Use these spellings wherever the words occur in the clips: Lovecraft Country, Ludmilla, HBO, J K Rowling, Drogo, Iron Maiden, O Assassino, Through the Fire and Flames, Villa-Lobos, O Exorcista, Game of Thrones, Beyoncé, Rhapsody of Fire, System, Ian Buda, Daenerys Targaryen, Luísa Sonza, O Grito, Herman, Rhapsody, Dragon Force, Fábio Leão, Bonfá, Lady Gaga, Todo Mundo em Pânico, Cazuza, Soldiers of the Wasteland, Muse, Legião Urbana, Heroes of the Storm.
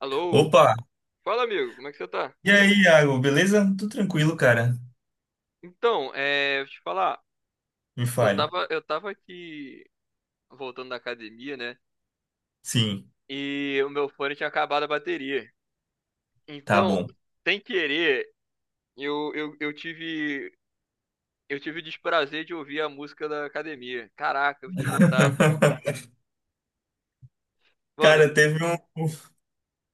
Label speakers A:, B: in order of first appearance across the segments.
A: Alô?
B: Opa!
A: Fala, amigo, como é que você tá?
B: E aí, Iago, beleza? Tudo tranquilo, cara?
A: Então, é, deixa eu te falar,
B: Me
A: eu
B: fale.
A: tava, eu tava aqui voltando da academia, né?
B: Sim,
A: E o meu fone tinha acabado a bateria.
B: tá
A: Então,
B: bom.
A: sem querer, eu, eu, eu tive, eu tive o desprazer de ouvir a música da academia. Caraca, eu vou te contar. Mano,
B: Cara, teve um.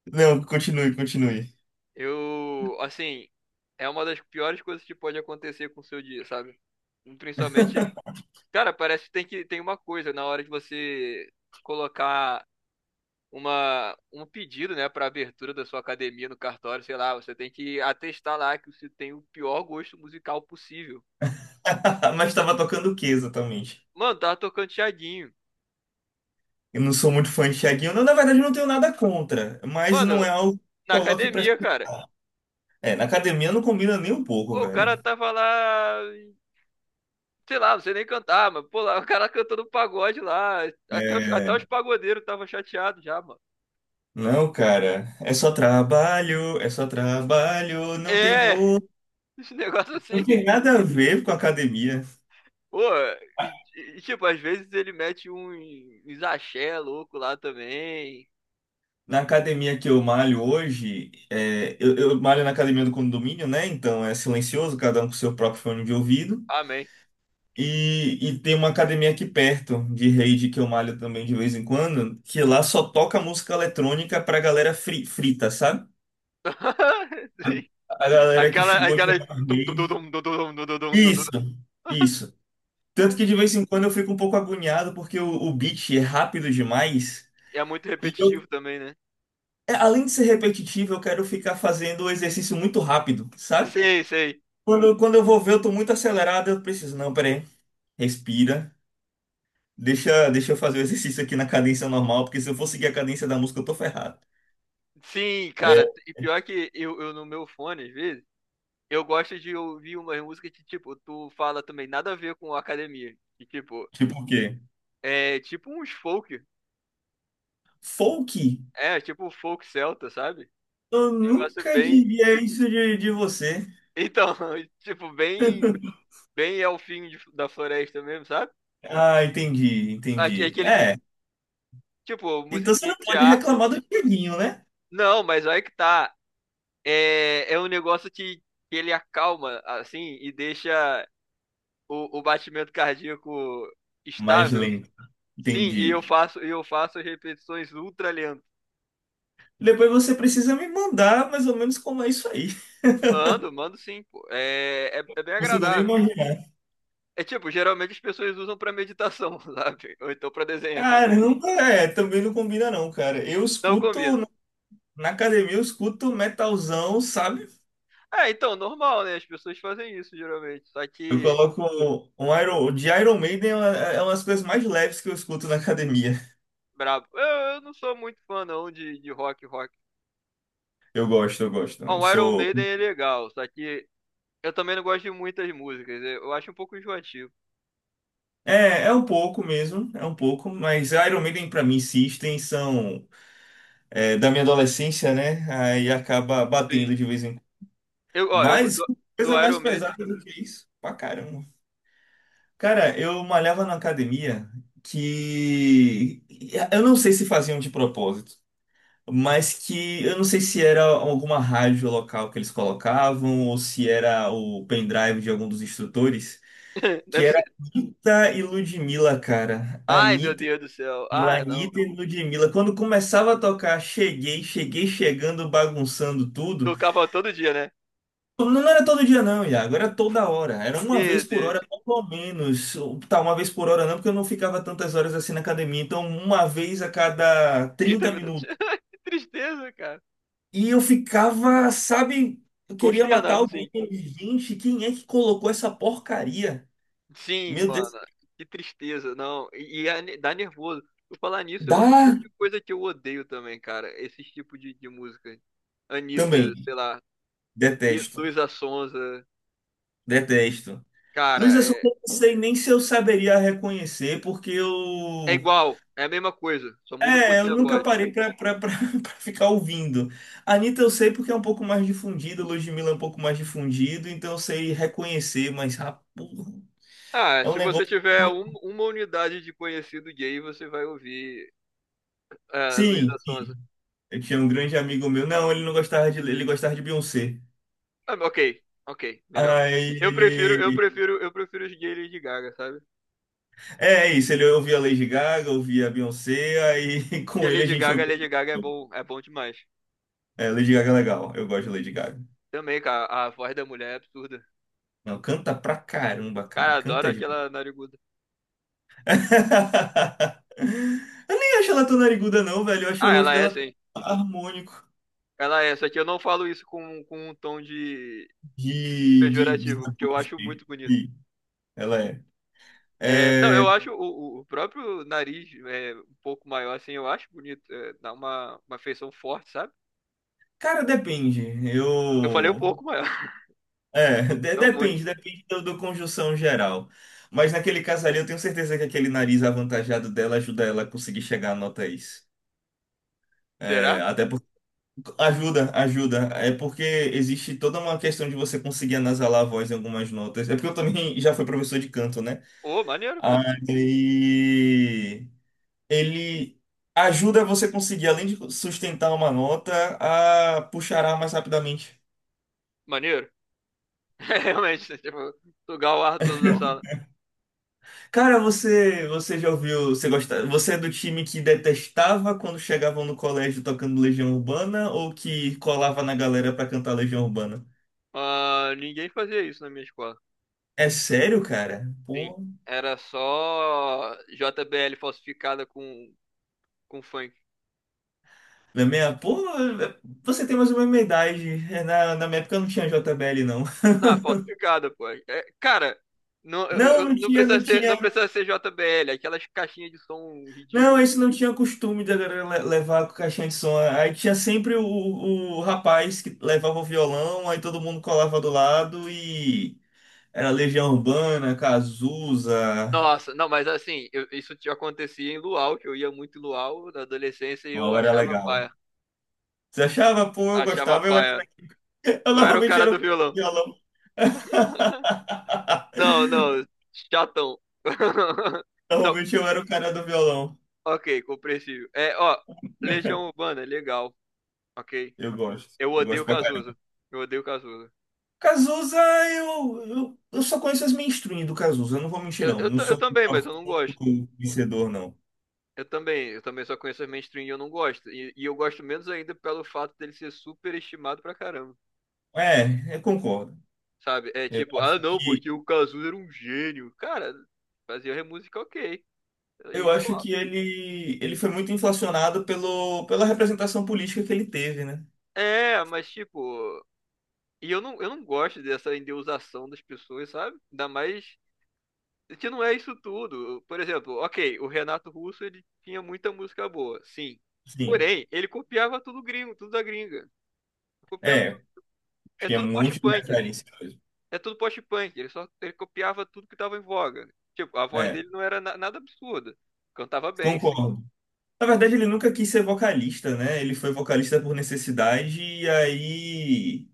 B: Não, continue, continue.
A: eu, assim, é uma das piores coisas que pode acontecer com o seu dia, sabe? Principalmente, cara, parece que tem uma coisa na hora de você colocar um pedido, né, para abertura da sua academia no cartório, sei lá, você tem que atestar lá que você tem o pior gosto musical possível.
B: Mas tava tocando o que exatamente?
A: Mano, tava tocando Thiaguinho.
B: Eu não sou muito fã de Thiaguinho. Não, na verdade, eu não tenho nada contra, mas não
A: Mano,
B: é algo que
A: na
B: coloque pra.
A: academia, cara.
B: É, na academia não combina nem um pouco,
A: O
B: velho.
A: cara tava lá, sei lá, não sei nem cantar, mas pô, lá, o cara cantando pagode lá. Até os, até
B: É,
A: os pagodeiros tava chateado já, mano.
B: não, cara, é só trabalho,
A: É,
B: não tem voo.
A: esse negócio
B: Não tem
A: assim.
B: nada a ver com academia.
A: Pô, e, e, tipo, às vezes ele mete um axé louco lá também.
B: Na academia que eu malho hoje, eu malho na academia do condomínio, né? Então é silencioso, cada um com seu próprio fone de ouvido.
A: Amém.
B: E tem uma academia aqui perto de rede que eu malho também de vez em quando, que lá só toca música eletrônica pra galera frita, sabe? A, a galera que
A: Aquela,
B: chegou de
A: aquela.
B: uma
A: Tum, tum, tum,
B: rave.
A: tum, tum, tum, tum, tum, tum, tum.
B: Isso, isso. Tanto que de vez em quando eu fico um pouco agoniado porque o beat é rápido demais.
A: É muito
B: E eu,
A: repetitivo também, né?
B: além de ser repetitivo, eu quero ficar fazendo o exercício muito rápido, sabe?
A: Sei, sei.
B: Quando eu vou ver, eu tô muito acelerado, eu preciso. Não, peraí. Respira. Deixa eu fazer o exercício aqui na cadência normal, porque se eu for seguir a cadência da música, eu tô ferrado.
A: Sim, cara. E pior que eu no meu fone, às vezes, eu gosto de ouvir umas músicas que, tipo, tu fala também nada a ver com a academia. E, tipo,
B: Tipo o quê?
A: é tipo uns folk.
B: Folk?
A: É, tipo um folk celta, sabe?
B: Eu
A: Um negócio
B: nunca
A: bem.
B: diria isso de você.
A: Então, tipo, bem. Bem é fim da floresta mesmo, sabe?
B: Ah, entendi,
A: Aque-
B: entendi.
A: Aquele de.
B: É,
A: Tipo,
B: então você
A: musiquinha
B: não
A: de
B: pode
A: harpa.
B: reclamar do Dieguinho, né?
A: Não, mas aí que tá. É um negócio que ele acalma, assim, e deixa o batimento cardíaco
B: Mais
A: estável.
B: lento,
A: Sim, e
B: entendi.
A: eu faço, e eu faço repetições ultra lentas.
B: Depois você precisa me mandar mais ou menos como é isso aí.
A: Mando, mando sim, pô. É bem
B: Não consigo nem
A: agradável.
B: imaginar.
A: É tipo, geralmente as pessoas usam pra meditação, sabe? Ou então pra desenhar.
B: Cara, nunca. Também não combina não, cara. Eu
A: Não
B: escuto.
A: combina.
B: Na academia eu escuto metalzão, sabe?
A: É, então, normal, né? As pessoas fazem isso geralmente. Só
B: Eu
A: que,
B: coloco um Iron, de Iron Maiden é uma, das coisas mais leves que eu escuto na academia.
A: brabo. Eu não sou muito fã, não, de rock, rock.
B: Eu gosto, eu gosto.
A: Ó,
B: Eu
A: o Iron
B: sou.
A: Maiden é legal, só que eu também não gosto de muitas músicas. Eu acho um pouco enjoativo.
B: É um pouco mesmo, é um pouco, mas Iron Maiden pra mim, System são, da minha adolescência, né? Aí acaba
A: Sim.
B: batendo de vez em quando.
A: Eu, ó, eu,
B: Mas
A: do,
B: coisa
A: do
B: mais
A: Iron Maiden.
B: pesada do que isso, pra caramba. Cara, eu malhava na academia que eu não sei se faziam de propósito. Mas que eu não sei se era alguma rádio local que eles colocavam ou se era o pendrive de algum dos instrutores, que
A: Deve
B: era
A: ser.
B: Anitta e Ludmilla, cara.
A: Ai, meu
B: Anitta
A: Deus do céu.
B: e Ludmilla,
A: Ai, não.
B: Anitta e Ludmilla. Quando começava a tocar, cheguei, cheguei chegando, bagunçando tudo.
A: Tocava todo dia, né?
B: Não era todo dia não, Iago, era toda hora. Era uma
A: Meu
B: vez por hora,
A: Deus.
B: pelo menos. Tá, uma vez por hora não, porque eu não ficava tantas horas assim na academia. Então, uma vez a cada
A: Trinta
B: 30
A: minutos.
B: minutos.
A: Que tristeza, cara.
B: E eu ficava, sabe, eu queria matar
A: Consternado, sim.
B: alguém. Gente, quem é que colocou essa porcaria?
A: Sim,
B: Meu Deus.
A: mano. Que tristeza, não. E dá nervoso. Por falar nisso, é outro tipo
B: Dá
A: de coisa que eu odeio também, cara. Esse tipo de música. Anitta,
B: também.
A: sei lá. Lu-
B: Detesto.
A: Luísa Sonza.
B: Detesto. Luiz
A: Cara,
B: Assunção,
A: é.
B: eu não sei nem se eu saberia reconhecer, porque
A: É
B: eu.
A: igual, é a mesma coisa, só muda um
B: É, eu
A: pouquinho a
B: nunca
A: voz.
B: parei pra, pra ficar ouvindo. Anitta eu sei porque é um pouco mais difundido, Ludmilla é um pouco mais difundido, então eu sei reconhecer, mas ah, porra,
A: Ah,
B: é um
A: se você
B: negócio.
A: tiver uma unidade de conhecido gay, você vai ouvir ah, a Luísa
B: Sim,
A: Sonza.
B: sim. Eu tinha um grande amigo meu. Não, ele não gostava de. Ele gostava de Beyoncé.
A: Ah, ok, ok, melhor.
B: Aí
A: Eu prefiro, eu
B: ele.
A: prefiro, eu prefiro os gays Lady Gaga, sabe?
B: É, isso, ele ouvia Lady Gaga, ouvia Beyoncé, aí com
A: Porque
B: ele a
A: Lady
B: gente
A: Gaga,
B: ouvia.
A: Lady Gaga é bom demais.
B: É, Lady Gaga é legal, eu gosto de Lady Gaga.
A: Também, cara, a voz da mulher é absurda.
B: Não, canta pra caramba, cara,
A: Cara, adoro
B: canta
A: aquela
B: demais.
A: nariguda.
B: Eu nem acho ela tão nariguda, não, velho, eu acho o
A: Ah,
B: rosto
A: ela é
B: dela
A: sim.
B: tão harmônico
A: Ela é, só que eu não falo isso com, um tom de
B: de
A: pejorativo, porque eu acho
B: deboche.
A: muito bonito.
B: Sim, ela é.
A: É, não,
B: É,
A: eu acho o próprio nariz é, um pouco maior, assim, eu acho bonito. É, dá uma feição forte, sabe?
B: cara, depende.
A: Eu falei um
B: Eu.
A: pouco maior,
B: É, de-
A: não
B: depende,
A: muito.
B: depende do conjunção geral. Mas naquele caso ali, eu tenho certeza que aquele nariz avantajado dela ajuda ela a conseguir chegar a notas.
A: Será?
B: É, até porque. Ajuda, ajuda. É porque existe toda uma questão de você conseguir anasalar a voz em algumas notas. É porque eu também já fui professor de canto, né?
A: Ô, maneiro, cara.
B: Aí. Ele ajuda você conseguir, além de sustentar uma nota, a puxar ar mais rapidamente.
A: Maneiro. É, realmente, né, tipo, sugar o ar todo da sala.
B: Cara, você já ouviu, você gosta, você é do time que detestava quando chegavam no colégio tocando Legião Urbana ou que colava na galera pra cantar Legião Urbana?
A: Ah, ninguém fazia isso na minha escola.
B: É sério, cara?
A: Sim.
B: Pô,
A: Era só JBL falsificada com, funk.
B: na minha, pô, você tem mais ou menos minha idade. É, na minha época não tinha J JBL, não.
A: Não, falsificada, pô. É, cara, não,
B: Não, não
A: não
B: tinha,
A: precisa
B: não
A: ser,
B: tinha.
A: não precisa ser JBL, aquelas caixinhas de som
B: Não,
A: ridículas.
B: esse não tinha costume da galera levar com caixinha de som. Aí tinha sempre o rapaz que levava o violão, aí todo mundo colava do lado e era Legião Urbana, Cazuza.
A: Nossa, não, mas assim, isso te acontecia em Luau, que eu ia muito em Luau na adolescência e eu
B: Não, era
A: achava
B: legal.
A: paia.
B: Você achava? Pô, eu
A: Achava
B: gostava. Eu, era-
A: paia.
B: eu
A: Eu era o
B: normalmente
A: cara
B: era o
A: do
B: cara do
A: violão.
B: violão.
A: Não, não, chatão. Não,
B: Normalmente eu era o cara do violão.
A: ok, compreensível. É, ó, Legião Urbana, legal, ok.
B: Eu gosto.
A: Eu
B: Eu
A: odeio
B: gosto pra caramba.
A: Cazuza. Eu odeio Cazuza.
B: Cazuza, eu só conheço as mainstream do Cazuza. Eu não vou mentir,
A: Eu,
B: não.
A: eu,
B: Não
A: ta- eu
B: sou um
A: também, mas eu não gosto.
B: profundo vencedor, não.
A: Eu também só conheço as mainstream e eu não gosto. E eu gosto menos ainda pelo fato dele ser super estimado pra caramba.
B: É, eu concordo.
A: Sabe? É
B: Eu
A: tipo,
B: acho
A: ah não,
B: que,
A: porque o Cazuza era um gênio. Cara, fazia música ok.
B: eu
A: Isso
B: acho
A: lá.
B: que ele foi muito inflacionado pelo, pela representação política que ele teve, né?
A: É, mas tipo, e eu não gosto dessa endeusação das pessoas, sabe? Ainda mais que não é isso tudo. Por exemplo, ok, o Renato Russo ele tinha muita música boa, sim.
B: Sim,
A: Porém, ele copiava tudo gringo, tudo da gringa. Copiava tudo,
B: é,
A: é
B: tinha
A: tudo
B: um monte de
A: post-punk.
B: referência mesmo.
A: É tudo post-punk. Ele só ele copiava tudo que tava em voga. Tipo, a voz
B: É,
A: dele não era nada absurda. Cantava bem, sim.
B: concordo. Na verdade, ele nunca quis ser vocalista, né? Ele foi vocalista por necessidade e aí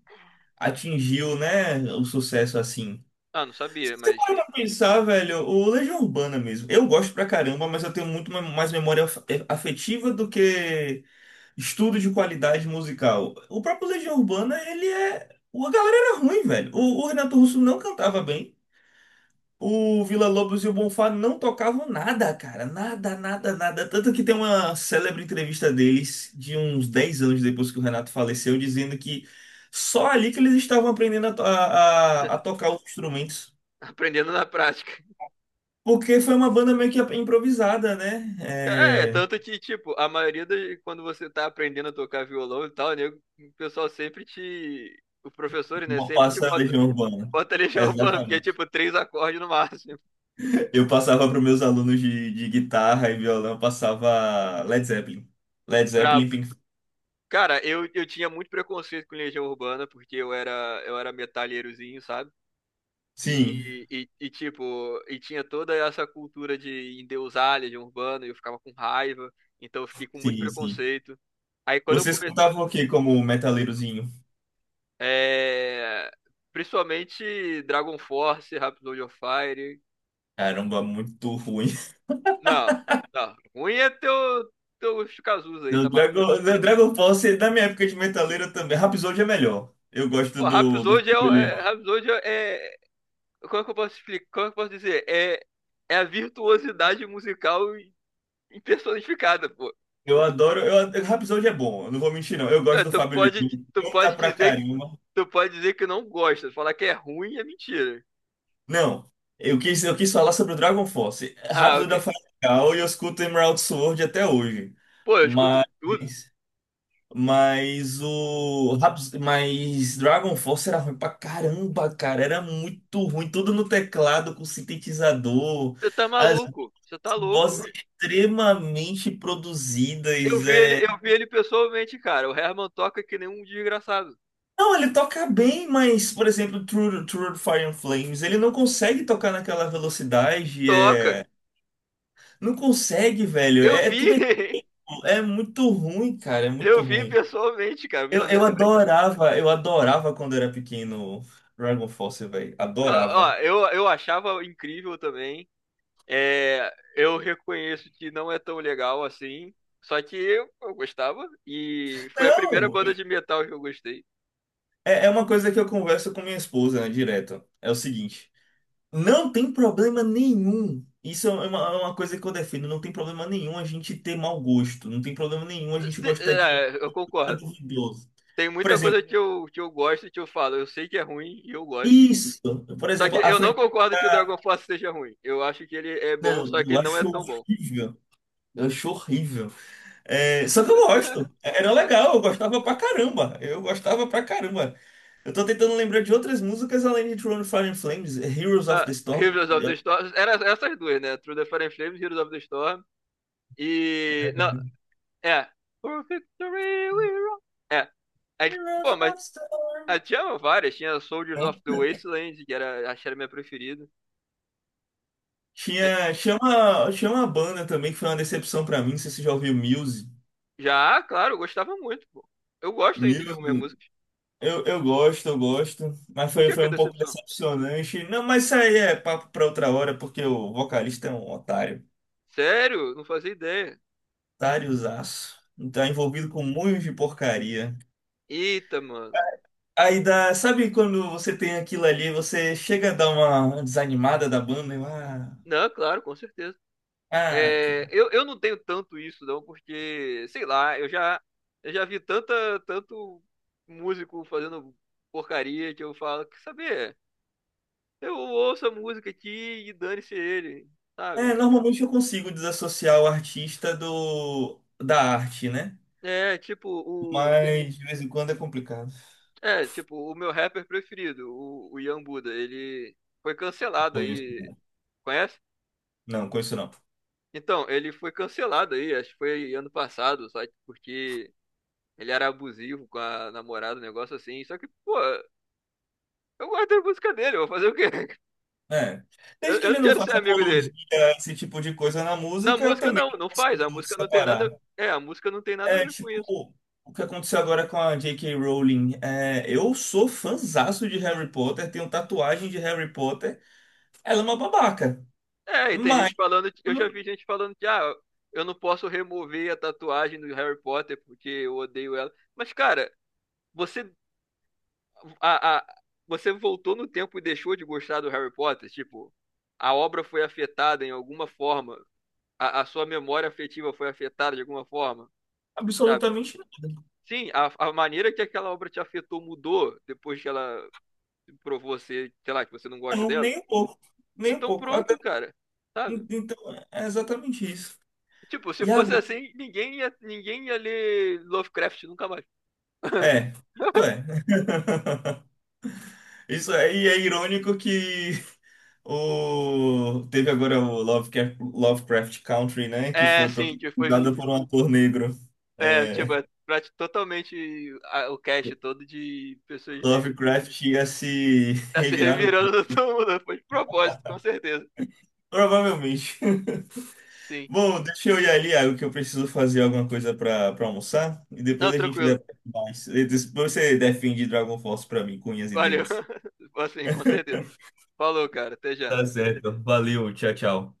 B: atingiu, né, o sucesso assim.
A: Ah, não
B: Se
A: sabia,
B: você
A: mas
B: parar pra pensar, velho, o Legião Urbana mesmo. Eu gosto pra caramba, mas eu tenho muito mais memória afetiva do que estudo de qualidade musical. O próprio Legião Urbana, ele é. A galera era ruim, velho. O Renato Russo não cantava bem. O Villa-Lobos e o Bonfá não tocavam nada, cara. Nada, nada, nada. Tanto que tem uma célebre entrevista deles, de uns 10 anos depois que o Renato faleceu, dizendo que só ali que eles estavam aprendendo a, to- a- a tocar os instrumentos.
A: aprendendo na prática.
B: Porque foi uma banda meio que improvisada, né?
A: É,
B: É...
A: tanto que, tipo, a maioria das, quando você tá aprendendo a tocar violão e tal, nego, o pessoal sempre te. Os professores, né,
B: Bonfá
A: sempre te
B: e a
A: bota,
B: Legião Urbana.
A: bota Legião Urbana, porque é
B: Exatamente.
A: tipo três acordes no máximo.
B: Eu passava para meus alunos de, guitarra e violão, eu passava Led Zeppelin. Led Zeppelin,
A: Brabo.
B: Pink...
A: Cara, eu tinha muito preconceito com Legião Urbana, porque eu era metalheirozinho, sabe?
B: Sim,
A: E, tipo, e tinha toda essa cultura de endeusar Legião Urbana, e eu ficava com raiva, então eu fiquei com muito
B: sim, sim.
A: preconceito. Aí quando eu
B: Você escutava o que como metaleirozinho?
A: É, principalmente Dragon Force, Rhapsody of Fire.
B: Caramba, muito ruim.
A: Não, não. Ruim é teu Shikazus aí,
B: No
A: tá maluco?
B: Dragon, no Dragon Ball, você- na minha época de metaleiro também. Rhapsody é melhor. Eu gosto
A: Pô,
B: do
A: Rhapsody é,
B: Fábio
A: o- é,
B: Leão.
A: Rhapsody é. Como é que eu posso explicar? Como é que eu posso dizer? É, é a virtuosidade musical em personificada, pô.
B: Eu adoro. Rhapsody é bom, eu não vou mentir, não. Eu
A: É,
B: gosto do
A: Tu
B: Fábio Leão.
A: pode,
B: Ele
A: tu
B: canta
A: pode
B: pra
A: dizer que,
B: caramba.
A: tu pode dizer que não gosta. Falar que é ruim é mentira.
B: Não, eu quis falar sobre o Dragon Force.
A: Ah, ok.
B: Rhapsody é legal e eu escuto Emerald Sword até hoje.
A: Pô, eu escuto
B: Mas.
A: tudo.
B: Mas Dragon Force era ruim pra caramba, cara. Era muito ruim. Tudo no teclado, com sintetizador.
A: Você tá
B: As
A: maluco. Você tá louco.
B: vozes extremamente
A: Eu
B: produzidas.
A: vi ele,
B: É...
A: eu vi ele pessoalmente, cara. O Herman toca que nem um desgraçado.
B: Não, ele toca bem, mas, por exemplo, True Fire and Flames, ele não consegue tocar naquela velocidade.
A: Toca.
B: Não consegue, velho.
A: Eu
B: É
A: vi.
B: tudo. É muito ruim, cara. É muito
A: Eu vi
B: ruim.
A: pessoalmente, cara. Eu vi
B: Eu,
A: na minha
B: eu
A: frente.
B: adorava, eu adorava quando era pequeno Dragon Force, velho.
A: Ó, ó,
B: Adorava.
A: eu achava incrível também. É, eu reconheço que não é tão legal assim. Só que eu gostava. E foi a primeira
B: Não,
A: banda de metal que eu gostei.
B: é uma coisa que eu converso com minha esposa, né, direto. É o seguinte, não tem problema nenhum. Isso é uma, coisa que eu defendo. Não tem problema nenhum a gente ter mau gosto. Não tem problema nenhum a gente gostar de
A: É, eu
B: nada
A: concordo.
B: duvidoso.
A: Tem
B: Por
A: muita
B: exemplo,
A: coisa que eu gosto e que eu falo. Eu sei que é ruim e eu gosto.
B: isso. Por
A: Só que
B: exemplo, a
A: eu não
B: franquia.
A: concordo que o Dragon Force seja ruim. Eu acho que ele é bom, só
B: Não,
A: que
B: eu
A: ele não é
B: acho
A: tão bom.
B: horrível. Eu acho horrível. É, só que eu gosto. Era legal, eu gostava pra caramba. Eu gostava pra caramba. Eu tô tentando lembrar de outras músicas além de Throne of Fire and Flames, Heroes of
A: Ah,
B: the Storm.
A: Heroes of the Storm. Era essas duas, né? Through the Fire and Flames, Heroes of the Storm. E. Não, é. For victory we roll. É. Aí,
B: Heroes
A: pô, mas
B: of Storm.
A: tinha várias. Tinha Soldiers of the
B: Né?
A: Wasteland, que era, acho que era a minha preferida. É,
B: Tinha uma banda também que foi uma decepção pra mim, não sei se você já ouviu Muse.
A: já, claro, eu gostava muito, pô. Eu gosto ainda de algumas
B: Muse,
A: músicas.
B: eu gosto, mas
A: Por
B: foi,
A: que
B: foi
A: que é
B: um pouco
A: decepção?
B: decepcionante. Não, mas isso aí é papo pra outra hora, porque o vocalista é um otário.
A: Sério? Não fazia ideia.
B: Otáriozaço. Tá envolvido com um monte de porcaria.
A: Eita, mano.
B: Aí dá, sabe quando você tem aquilo ali, você chega a dar uma desanimada da banda, e,
A: Não, claro, com certeza.
B: ah,
A: É, eu não tenho tanto isso, não, porque, sei lá, eu já vi tanta, tanto músico fazendo porcaria que eu falo, quer saber? Eu ouço a música aqui e dane-se ele,
B: É,
A: sabe?
B: normalmente eu consigo desassociar o artista do da arte, né?
A: É, tipo, o,
B: Mas de vez em quando é complicado.
A: é, tipo, o meu rapper preferido, o Ian Buda, ele foi cancelado
B: Conheço
A: aí,
B: não.
A: conhece?
B: Não, conheço não.
A: Então, ele foi cancelado aí, acho que foi ano passado, só que porque ele era abusivo com a namorada, um negócio assim. Só que, pô, eu gosto da música dele, eu vou fazer o quê?
B: É.
A: Eu,
B: Desde que
A: eu
B: ele
A: não
B: não
A: quero ser
B: faça
A: amigo
B: apologia
A: dele.
B: a esse tipo de coisa na
A: Na
B: música, eu
A: música
B: também
A: não, não faz. A
B: consigo
A: música não tem nada.
B: separar.
A: É, a música não tem nada a
B: É
A: ver com isso.
B: tipo o que aconteceu agora com a J.K. Rowling. É, eu sou fãzaço de Harry Potter, tenho tatuagem de Harry Potter. Ela é uma babaca.
A: É, e tem
B: Mas
A: gente falando, eu já vi gente falando que ah, eu não posso remover a tatuagem do Harry Potter porque eu odeio ela. Mas cara, você a, a, você voltou no tempo e deixou de gostar do Harry Potter, tipo, a obra foi afetada em alguma forma, a sua memória afetiva foi afetada de alguma forma.
B: absolutamente nada.
A: Sim, a maneira que aquela obra te afetou mudou depois que ela provou você, sei lá, que você não gosta
B: Não,
A: dela.
B: nem um pouco. Nem um
A: Então
B: pouco.
A: pronto, cara. Sabe?
B: Então, é exatamente isso.
A: Tipo, se fosse
B: Iago,
A: assim, ninguém ia ler Lovecraft nunca mais.
B: isso é. Isso é, e é irônico que o teve agora o Lovecraft, Lovecraft Country, né, que
A: É,
B: foi
A: sim, que foi,
B: protagonizada por um ator negro.
A: é, tipo,
B: É,
A: é totalmente o cast todo de pessoas negras.
B: Lovecraft ia se
A: Tá se
B: revirar no
A: revirando
B: túmulo.
A: todo mundo, né? Foi de propósito, com certeza.
B: Provavelmente.
A: Sim.
B: Bom, deixa eu ir ali, Iago, que eu preciso fazer alguma coisa para almoçar e depois
A: Não,
B: a gente
A: tranquilo.
B: debate mais. E depois você defende Dragon Force para mim, com unhas e
A: Valeu.
B: dentes.
A: Assim, com certeza. Falou, cara. Até já.
B: Tá certo. Valeu, tchau, tchau.